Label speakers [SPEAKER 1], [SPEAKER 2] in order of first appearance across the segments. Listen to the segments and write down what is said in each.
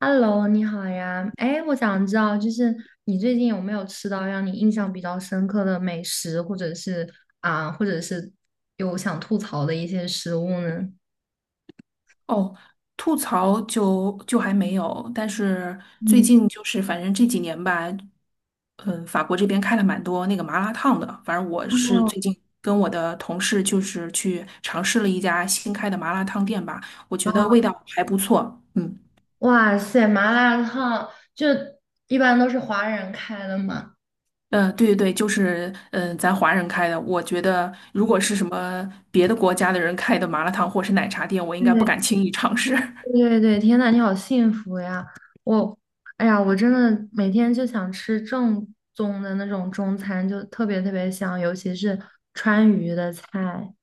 [SPEAKER 1] Hello，你好呀。哎，我想知道，就是你最近有没有吃到让你印象比较深刻的美食，或者是有想吐槽的一些食物呢？
[SPEAKER 2] 哦，吐槽就还没有，但是最
[SPEAKER 1] 嗯，
[SPEAKER 2] 近就是反正这几年吧，嗯，法国这边开了蛮多那个麻辣烫的，反正我是最近跟我的同事就是去尝试了一家新开的麻辣烫店吧，我觉得味
[SPEAKER 1] 啊，
[SPEAKER 2] 道还不错，嗯。
[SPEAKER 1] 哇塞，麻辣烫就一般都是华人开的嘛。
[SPEAKER 2] 嗯，对对对，就是咱华人开的，我觉得如果是什么别的国家的人开的麻辣烫或是奶茶店，我应该不
[SPEAKER 1] 对
[SPEAKER 2] 敢轻易尝试。
[SPEAKER 1] 对对，天呐，你好幸福呀！我，哎呀，我真的每天就想吃正宗的那种中餐，就特别特别香，尤其是川渝的菜。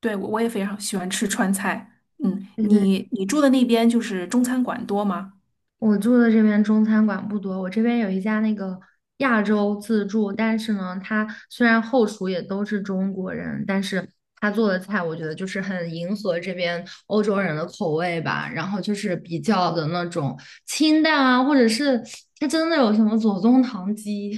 [SPEAKER 2] 对，我也非常喜欢吃川菜。嗯，你住的那边就是中餐馆多吗？
[SPEAKER 1] 我住的这边中餐馆不多，我这边有一家那个亚洲自助，但是呢，它虽然后厨也都是中国人，但是他做的菜我觉得就是很迎合这边欧洲人的口味吧，然后就是比较的那种清淡啊，或者是它真的有什么左宗棠鸡。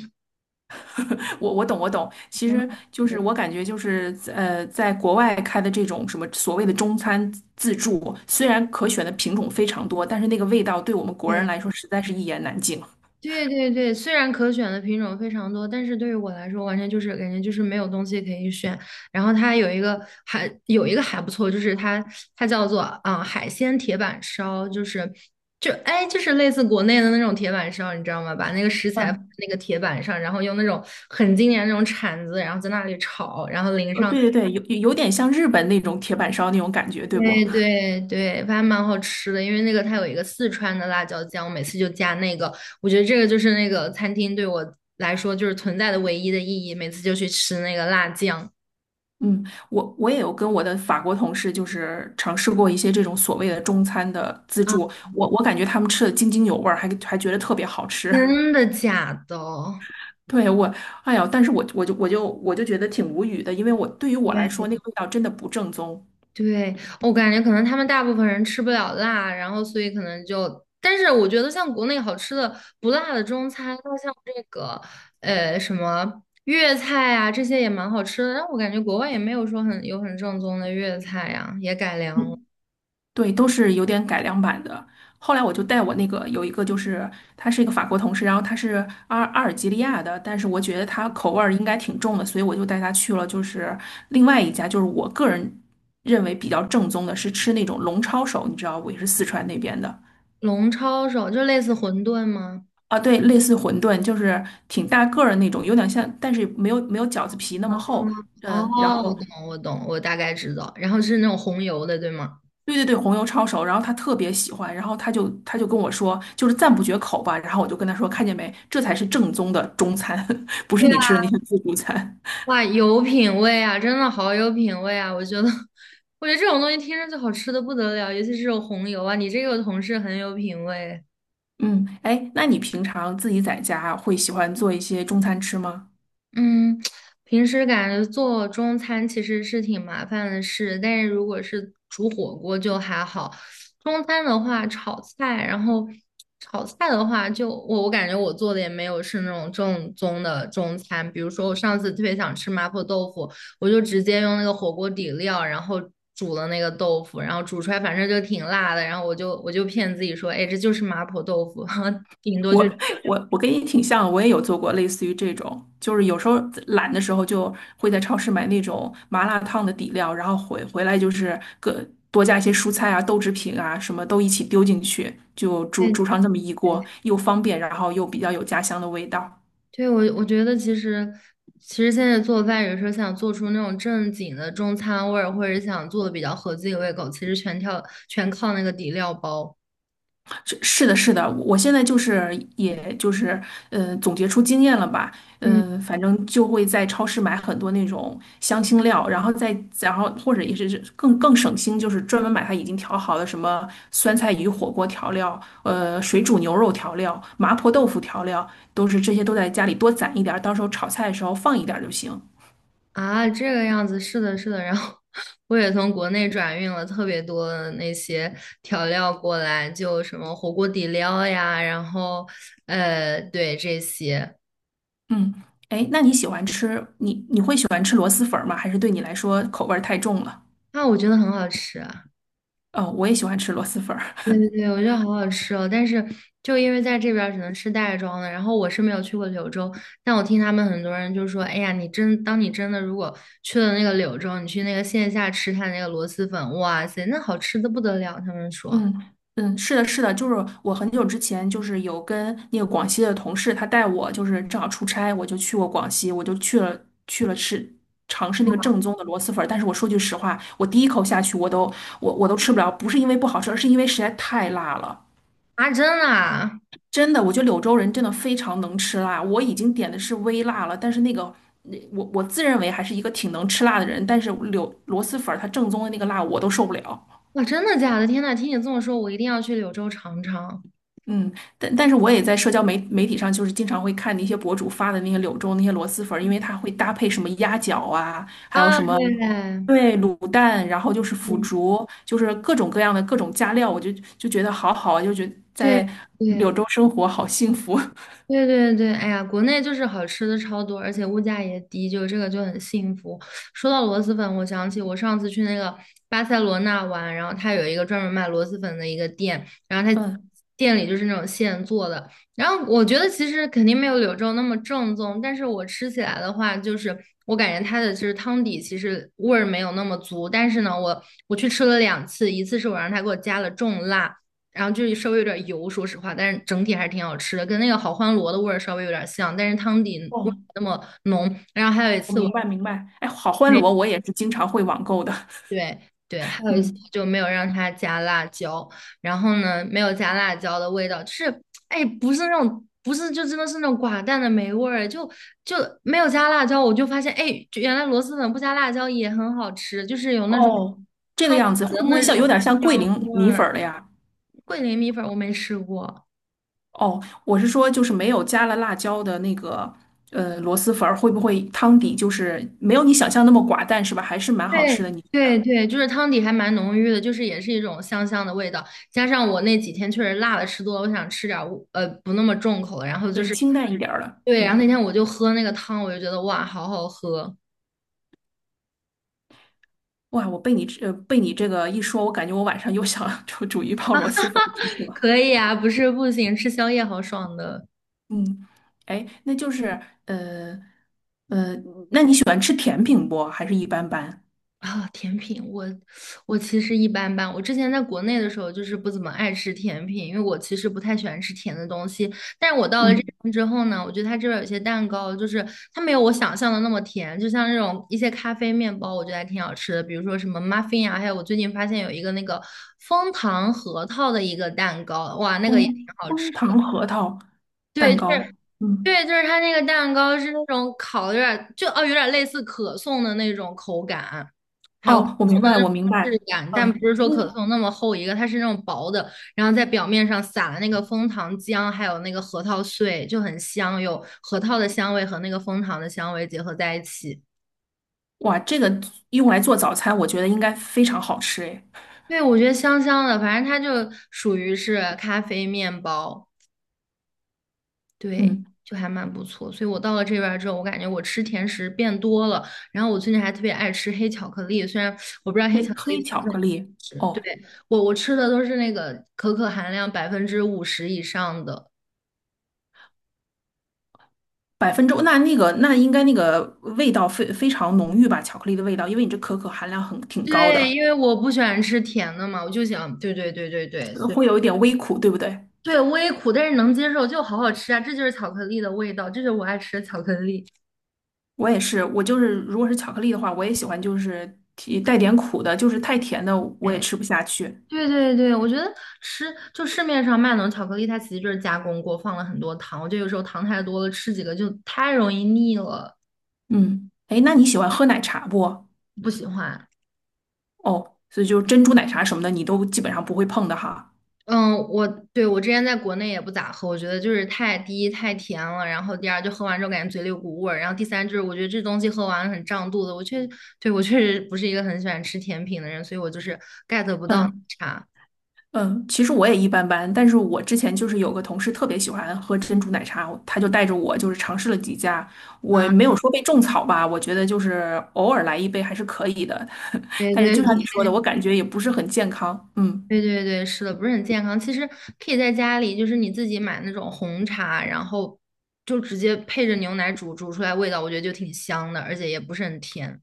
[SPEAKER 2] 我懂我懂，其实 就是我感觉就是在国外开的这种什么所谓的中餐自助，虽然可选的品种非常多，但是那个味道对我们国人
[SPEAKER 1] 对
[SPEAKER 2] 来说实在是一言难尽。
[SPEAKER 1] 对对对，虽然可选的品种非常多，但是对于我来说，完全就是感觉就是没有东西可以选。然后它有一个还有一个还不错，就是它叫做海鲜铁板烧，就是类似国内的那种铁板烧，你知道吗？把那个食材放在
[SPEAKER 2] 嗯，
[SPEAKER 1] 那个铁板上，然后用那种很经典的那种铲子，然后在那里炒，然后淋上。
[SPEAKER 2] 对对对，有点像日本那种铁板烧那种感觉，对不？
[SPEAKER 1] 对对对，还蛮好吃的，因为那个它有一个四川的辣椒酱，我每次就加那个。我觉得这个就是那个餐厅对我来说就是存在的唯一的意义，每次就去吃那个辣酱。
[SPEAKER 2] 嗯，我也有跟我的法国同事，就是尝试过一些这种所谓的中餐的自
[SPEAKER 1] 啊，
[SPEAKER 2] 助，我感觉他们吃的津津有味儿，还觉得特别好吃。
[SPEAKER 1] 真的假的？
[SPEAKER 2] 对，我，哎呀，但是我就觉得挺无语的，因为我对于我来说，
[SPEAKER 1] 对
[SPEAKER 2] 那个味道真的不正宗。
[SPEAKER 1] 对，我感觉可能他们大部分人吃不了辣，然后所以可能就，但是我觉得像国内好吃的不辣的中餐，那像这个什么粤菜啊这些也蛮好吃的，但我感觉国外也没有说很有很正宗的粤菜呀、也改良了。
[SPEAKER 2] 嗯。对，都是有点改良版的。后来我就带我那个有一个，就是他是一个法国同事，然后他是阿尔及利亚的，但是我觉得他口味儿应该挺重的，所以我就带他去了，就是另外一家，就是我个人认为比较正宗的，是吃那种龙抄手，你知道，我也是四川那边的
[SPEAKER 1] 龙抄手就类似馄饨吗？
[SPEAKER 2] 啊，对，类似馄饨，就是挺大个儿的那种，有点像，但是没有饺子皮那么厚，
[SPEAKER 1] 哦，
[SPEAKER 2] 嗯，然
[SPEAKER 1] 我
[SPEAKER 2] 后
[SPEAKER 1] 懂，我懂，我大概知道。然后是那种红油的，对吗？
[SPEAKER 2] 对对对，红油抄手，然后他特别喜欢，然后他就跟我说，就是赞不绝口吧。然后我就跟他说，看见没，这才是正宗的中餐，不是你吃的那些自助餐。
[SPEAKER 1] 哇，有品味啊，真的好有品味啊！我觉得，我觉得这种东西听着就好吃的不得了，尤其是这种红油啊，你这个同事很有品味。
[SPEAKER 2] 嗯，哎，那你平常自己在家会喜欢做一些中餐吃吗？
[SPEAKER 1] 嗯，平时感觉做中餐其实是挺麻烦的事，但是如果是煮火锅就还好。中餐的话，炒菜，然后炒菜的话就，我感觉我做的也没有是那种正宗的中餐。比如说，我上次特别想吃麻婆豆腐，我就直接用那个火锅底料，然后煮了那个豆腐，然后煮出来反正就挺辣的，然后我就骗自己说，哎，这就是麻婆豆腐，哈顶多
[SPEAKER 2] 我
[SPEAKER 1] 就。
[SPEAKER 2] 我跟你挺像，我也有做过类似于这种，就是有时候懒的时候就会在超市买那种麻辣烫的底料，然后回来就是各多加一些蔬菜啊、豆制品啊，什么都一起丢进去，就煮上这么一
[SPEAKER 1] 对
[SPEAKER 2] 锅，又方便，然后又比较有家乡的味道。
[SPEAKER 1] 对，我觉得其实，其实现在做饭，有时候想做出那种正经的中餐味儿，或者想做的比较合自己胃口，其实全靠那个底料包。
[SPEAKER 2] 是的，是的，我现在就是，也就是，总结出经验了吧，
[SPEAKER 1] 嗯
[SPEAKER 2] 嗯、反正就会在超市买很多那种香辛料，然后再，然后或者也是更省心，就是专门买它已经调好的什么酸菜鱼火锅调料，水煮牛肉调料、麻婆豆腐调料，都是这些都在家里多攒一点儿，到时候炒菜的时候放一点儿就行。
[SPEAKER 1] 啊，这个样子，是的，是的。然后 我也从国内转运了特别多的那些调料过来，就什么火锅底料呀，然后对这些。
[SPEAKER 2] 嗯，哎，那你喜欢吃，你会喜欢吃螺蛳粉儿吗？还是对你来说口味儿太重了？
[SPEAKER 1] 啊，我觉得很好吃。
[SPEAKER 2] 哦，我也喜欢吃螺蛳粉儿。
[SPEAKER 1] 对对对，我觉得好好吃哦，但是就因为在这边儿只能吃袋装的，然后我是没有去过柳州，但我听他们很多人就说，哎呀，你真的如果去了那个柳州，你去那个线下吃他那个螺蛳粉，哇塞，那好吃的不得了，他们说
[SPEAKER 2] 嗯嗯，是的，是的，就是我很久之前就是有跟那个广西的同事，他带我就是正好出差，我就去过广西，我就去了尝试那个正宗的螺蛳粉儿。但是我说句实话，我第一口下去我都吃不了，不是因为不好吃，而是因为实在太辣了。
[SPEAKER 1] 啊，真的啊，
[SPEAKER 2] 真的，我觉得柳州人真的非常能吃辣。我已经点的是微辣了，但是那个那我自认为还是一个挺能吃辣的人，但是柳螺蛳粉儿它正宗的那个辣我都受不了。
[SPEAKER 1] 哇，真的假的？天呐，听你这么说，我一定要去柳州尝尝。
[SPEAKER 2] 嗯，但但是我也在社交媒体上，就是经常会看那些博主发的那些柳州那些螺蛳粉儿，因为它会搭配什么鸭脚啊，还有
[SPEAKER 1] 啊！
[SPEAKER 2] 什么
[SPEAKER 1] 对，
[SPEAKER 2] 对卤蛋，然后就是腐
[SPEAKER 1] 嗯，
[SPEAKER 2] 竹，就是各种各样的各种加料，我就觉得好好啊就觉得
[SPEAKER 1] 对
[SPEAKER 2] 在柳
[SPEAKER 1] 对，
[SPEAKER 2] 州生活好幸福。
[SPEAKER 1] 对对对，哎呀，国内就是好吃的超多，而且物价也低，就这个就很幸福。说到螺蛳粉，我想起我上次去那个巴塞罗那玩，然后它有一个专门卖螺蛳粉的一个店，然后它
[SPEAKER 2] 嗯，
[SPEAKER 1] 店里就是那种现做的，然后我觉得其实肯定没有柳州那么正宗，但是我吃起来的话，就是我感觉它的就是汤底其实味儿没有那么足，但是呢，我去吃了两次，一次是我让他给我加了重辣。然后就是稍微有点油，说实话，但是整体还是挺好吃的，跟那个好欢螺的味儿稍微有点像，但是汤底味儿没
[SPEAKER 2] 哦，
[SPEAKER 1] 那么浓。然后还有一
[SPEAKER 2] 我
[SPEAKER 1] 次我
[SPEAKER 2] 明白明白。哎，好欢
[SPEAKER 1] 没
[SPEAKER 2] 螺我也是经常会网购的。
[SPEAKER 1] 对对，还 有一次我
[SPEAKER 2] 嗯，
[SPEAKER 1] 就没有让他加辣椒，然后呢没有加辣椒的味道，就是不是那种不是就真的是那种寡淡的没味儿，就没有加辣椒，我就发现哎就原来螺蛳粉不加辣椒也很好吃，就是有那种
[SPEAKER 2] 哦，这个
[SPEAKER 1] 汤底
[SPEAKER 2] 样子会
[SPEAKER 1] 的
[SPEAKER 2] 不会
[SPEAKER 1] 那
[SPEAKER 2] 像有
[SPEAKER 1] 种
[SPEAKER 2] 点像桂
[SPEAKER 1] 香
[SPEAKER 2] 林
[SPEAKER 1] 味
[SPEAKER 2] 米
[SPEAKER 1] 儿。
[SPEAKER 2] 粉儿了呀？
[SPEAKER 1] 桂林米粉我没吃过。
[SPEAKER 2] 哦，我是说，就是没有加了辣椒的那个螺蛳粉儿，会不会汤底就是没有你想象那么寡淡，是吧？还是蛮好
[SPEAKER 1] 对
[SPEAKER 2] 吃的，你觉得？
[SPEAKER 1] 对对，就是汤底还蛮浓郁的，就是也是一种香香的味道。加上我那几天确实辣的吃多了，我想吃点儿不那么重口的。然后就
[SPEAKER 2] 对，
[SPEAKER 1] 是，
[SPEAKER 2] 清淡一点儿了。
[SPEAKER 1] 对，然后那
[SPEAKER 2] 嗯，
[SPEAKER 1] 天我就喝那个汤，我就觉得哇，好好喝。
[SPEAKER 2] 哇，我被你这呃被你这个一说，我感觉我晚上又想 煮一泡螺蛳粉儿吃去 了。
[SPEAKER 1] 可以啊，不是不行，吃宵夜好爽的。
[SPEAKER 2] 嗯，哎，那就是呃呃，那你喜欢吃甜品不？还是一般般？
[SPEAKER 1] 啊，甜品，我其实一般般。我之前在国内的时候，就是不怎么爱吃甜品，因为我其实不太喜欢吃甜的东西。但是我到了这
[SPEAKER 2] 嗯，
[SPEAKER 1] 边之后呢，我觉得它这边有些蛋糕，就是它没有我想象的那么甜，就像这种一些咖啡面包，我觉得还挺好吃的，比如说什么 muffin 啊，还有我最近发现有一个那个枫糖核桃的一个蛋糕，哇，那个也挺
[SPEAKER 2] 枫
[SPEAKER 1] 好吃。
[SPEAKER 2] 枫糖核桃
[SPEAKER 1] 对，
[SPEAKER 2] 蛋
[SPEAKER 1] 就是
[SPEAKER 2] 糕。嗯，
[SPEAKER 1] 对，就是它那个蛋糕是那种烤的有点就哦，有点类似可颂的那种口感，还有可
[SPEAKER 2] 哦，我明
[SPEAKER 1] 颂的
[SPEAKER 2] 白，
[SPEAKER 1] 那种
[SPEAKER 2] 我明
[SPEAKER 1] 质
[SPEAKER 2] 白。
[SPEAKER 1] 感，但
[SPEAKER 2] 嗯
[SPEAKER 1] 不是说可
[SPEAKER 2] 嗯。
[SPEAKER 1] 颂那么厚一个，它是那种薄的，然后在表面上撒了那个枫糖浆，还有那个核桃碎，就很香，有核桃的香味和那个枫糖的香味结合在一起。
[SPEAKER 2] 哇，这个用来做早餐，我觉得应该非常好吃诶。
[SPEAKER 1] 对，我觉得香香的，反正它就属于是咖啡面包。对，
[SPEAKER 2] 嗯，
[SPEAKER 1] 就还蛮不错。所以我到了这边儿之后，我感觉我吃甜食变多了，然后我最近还特别爱吃黑巧克力，虽然我不知道黑巧
[SPEAKER 2] 黑
[SPEAKER 1] 克力
[SPEAKER 2] 黑
[SPEAKER 1] 算不
[SPEAKER 2] 巧
[SPEAKER 1] 算
[SPEAKER 2] 克
[SPEAKER 1] 甜
[SPEAKER 2] 力，
[SPEAKER 1] 食，
[SPEAKER 2] 哦，
[SPEAKER 1] 对，我吃的都是那个可可含量50%以上的。
[SPEAKER 2] 百分之那应该那个味道非常浓郁吧？巧克力的味道，因为你这可可含量很挺高的，
[SPEAKER 1] 对，因为我不喜欢吃甜的嘛，我就想，对对对对对，所以
[SPEAKER 2] 会有一点微苦，对不对？
[SPEAKER 1] 对微苦，但是能接受，就好好吃啊，这就是巧克力的味道，这就是我爱吃的巧克力。
[SPEAKER 2] 我也是，我就是如果是巧克力的话，我也喜欢就是提带点苦的，就是太甜的我也
[SPEAKER 1] 对。
[SPEAKER 2] 吃不下去。
[SPEAKER 1] 对对对，我觉得吃就市面上卖那种巧克力，它其实就是加工过，放了很多糖。我觉得有时候糖太多了，吃几个就太容易腻了，
[SPEAKER 2] 嗯，哎，那你喜欢喝奶茶不？
[SPEAKER 1] 不喜欢。
[SPEAKER 2] 哦，所以就是珍珠奶茶什么的，你都基本上不会碰的哈。
[SPEAKER 1] 嗯，对我之前在国内也不咋喝，我觉得就是太第一太甜了，然后第二就喝完之后感觉嘴里有股味儿，然后第三就是我觉得这东西喝完了很胀肚子。对我确实不是一个很喜欢吃甜品的人，所以我就是 get 不到奶
[SPEAKER 2] 嗯。
[SPEAKER 1] 茶。
[SPEAKER 2] 嗯，其实我也一般般，但是我之前就是有个同事特别喜欢喝珍珠奶茶，他就带着我就是尝试了几家，我
[SPEAKER 1] 啊，
[SPEAKER 2] 没有说被种草吧，我觉得就是偶尔来一杯还是可以的，
[SPEAKER 1] 对
[SPEAKER 2] 但是
[SPEAKER 1] 对
[SPEAKER 2] 就像
[SPEAKER 1] 对，
[SPEAKER 2] 你说的，我感觉也不是很健康。嗯
[SPEAKER 1] 对对对，是的，不是很健康。其实可以在家里，就是你自己买那种红茶，然后就直接配着牛奶煮，煮出来味道我觉得就挺香的，而且也不是很甜。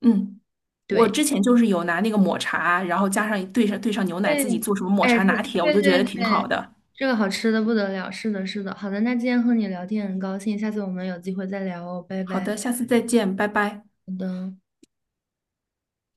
[SPEAKER 2] 嗯，我
[SPEAKER 1] 对，
[SPEAKER 2] 之前就是有拿那个抹茶，然后加上兑上牛奶，自己
[SPEAKER 1] 对，
[SPEAKER 2] 做什么抹
[SPEAKER 1] 哎，
[SPEAKER 2] 茶
[SPEAKER 1] 是，
[SPEAKER 2] 拿铁，我
[SPEAKER 1] 对
[SPEAKER 2] 就觉
[SPEAKER 1] 对
[SPEAKER 2] 得挺好
[SPEAKER 1] 对，
[SPEAKER 2] 的。
[SPEAKER 1] 这个好吃的不得了。是的，是的。好的，那今天和你聊天很高兴，下次我们有机会再聊哦，拜
[SPEAKER 2] 好
[SPEAKER 1] 拜。
[SPEAKER 2] 的，下次再见，拜拜。
[SPEAKER 1] 好的。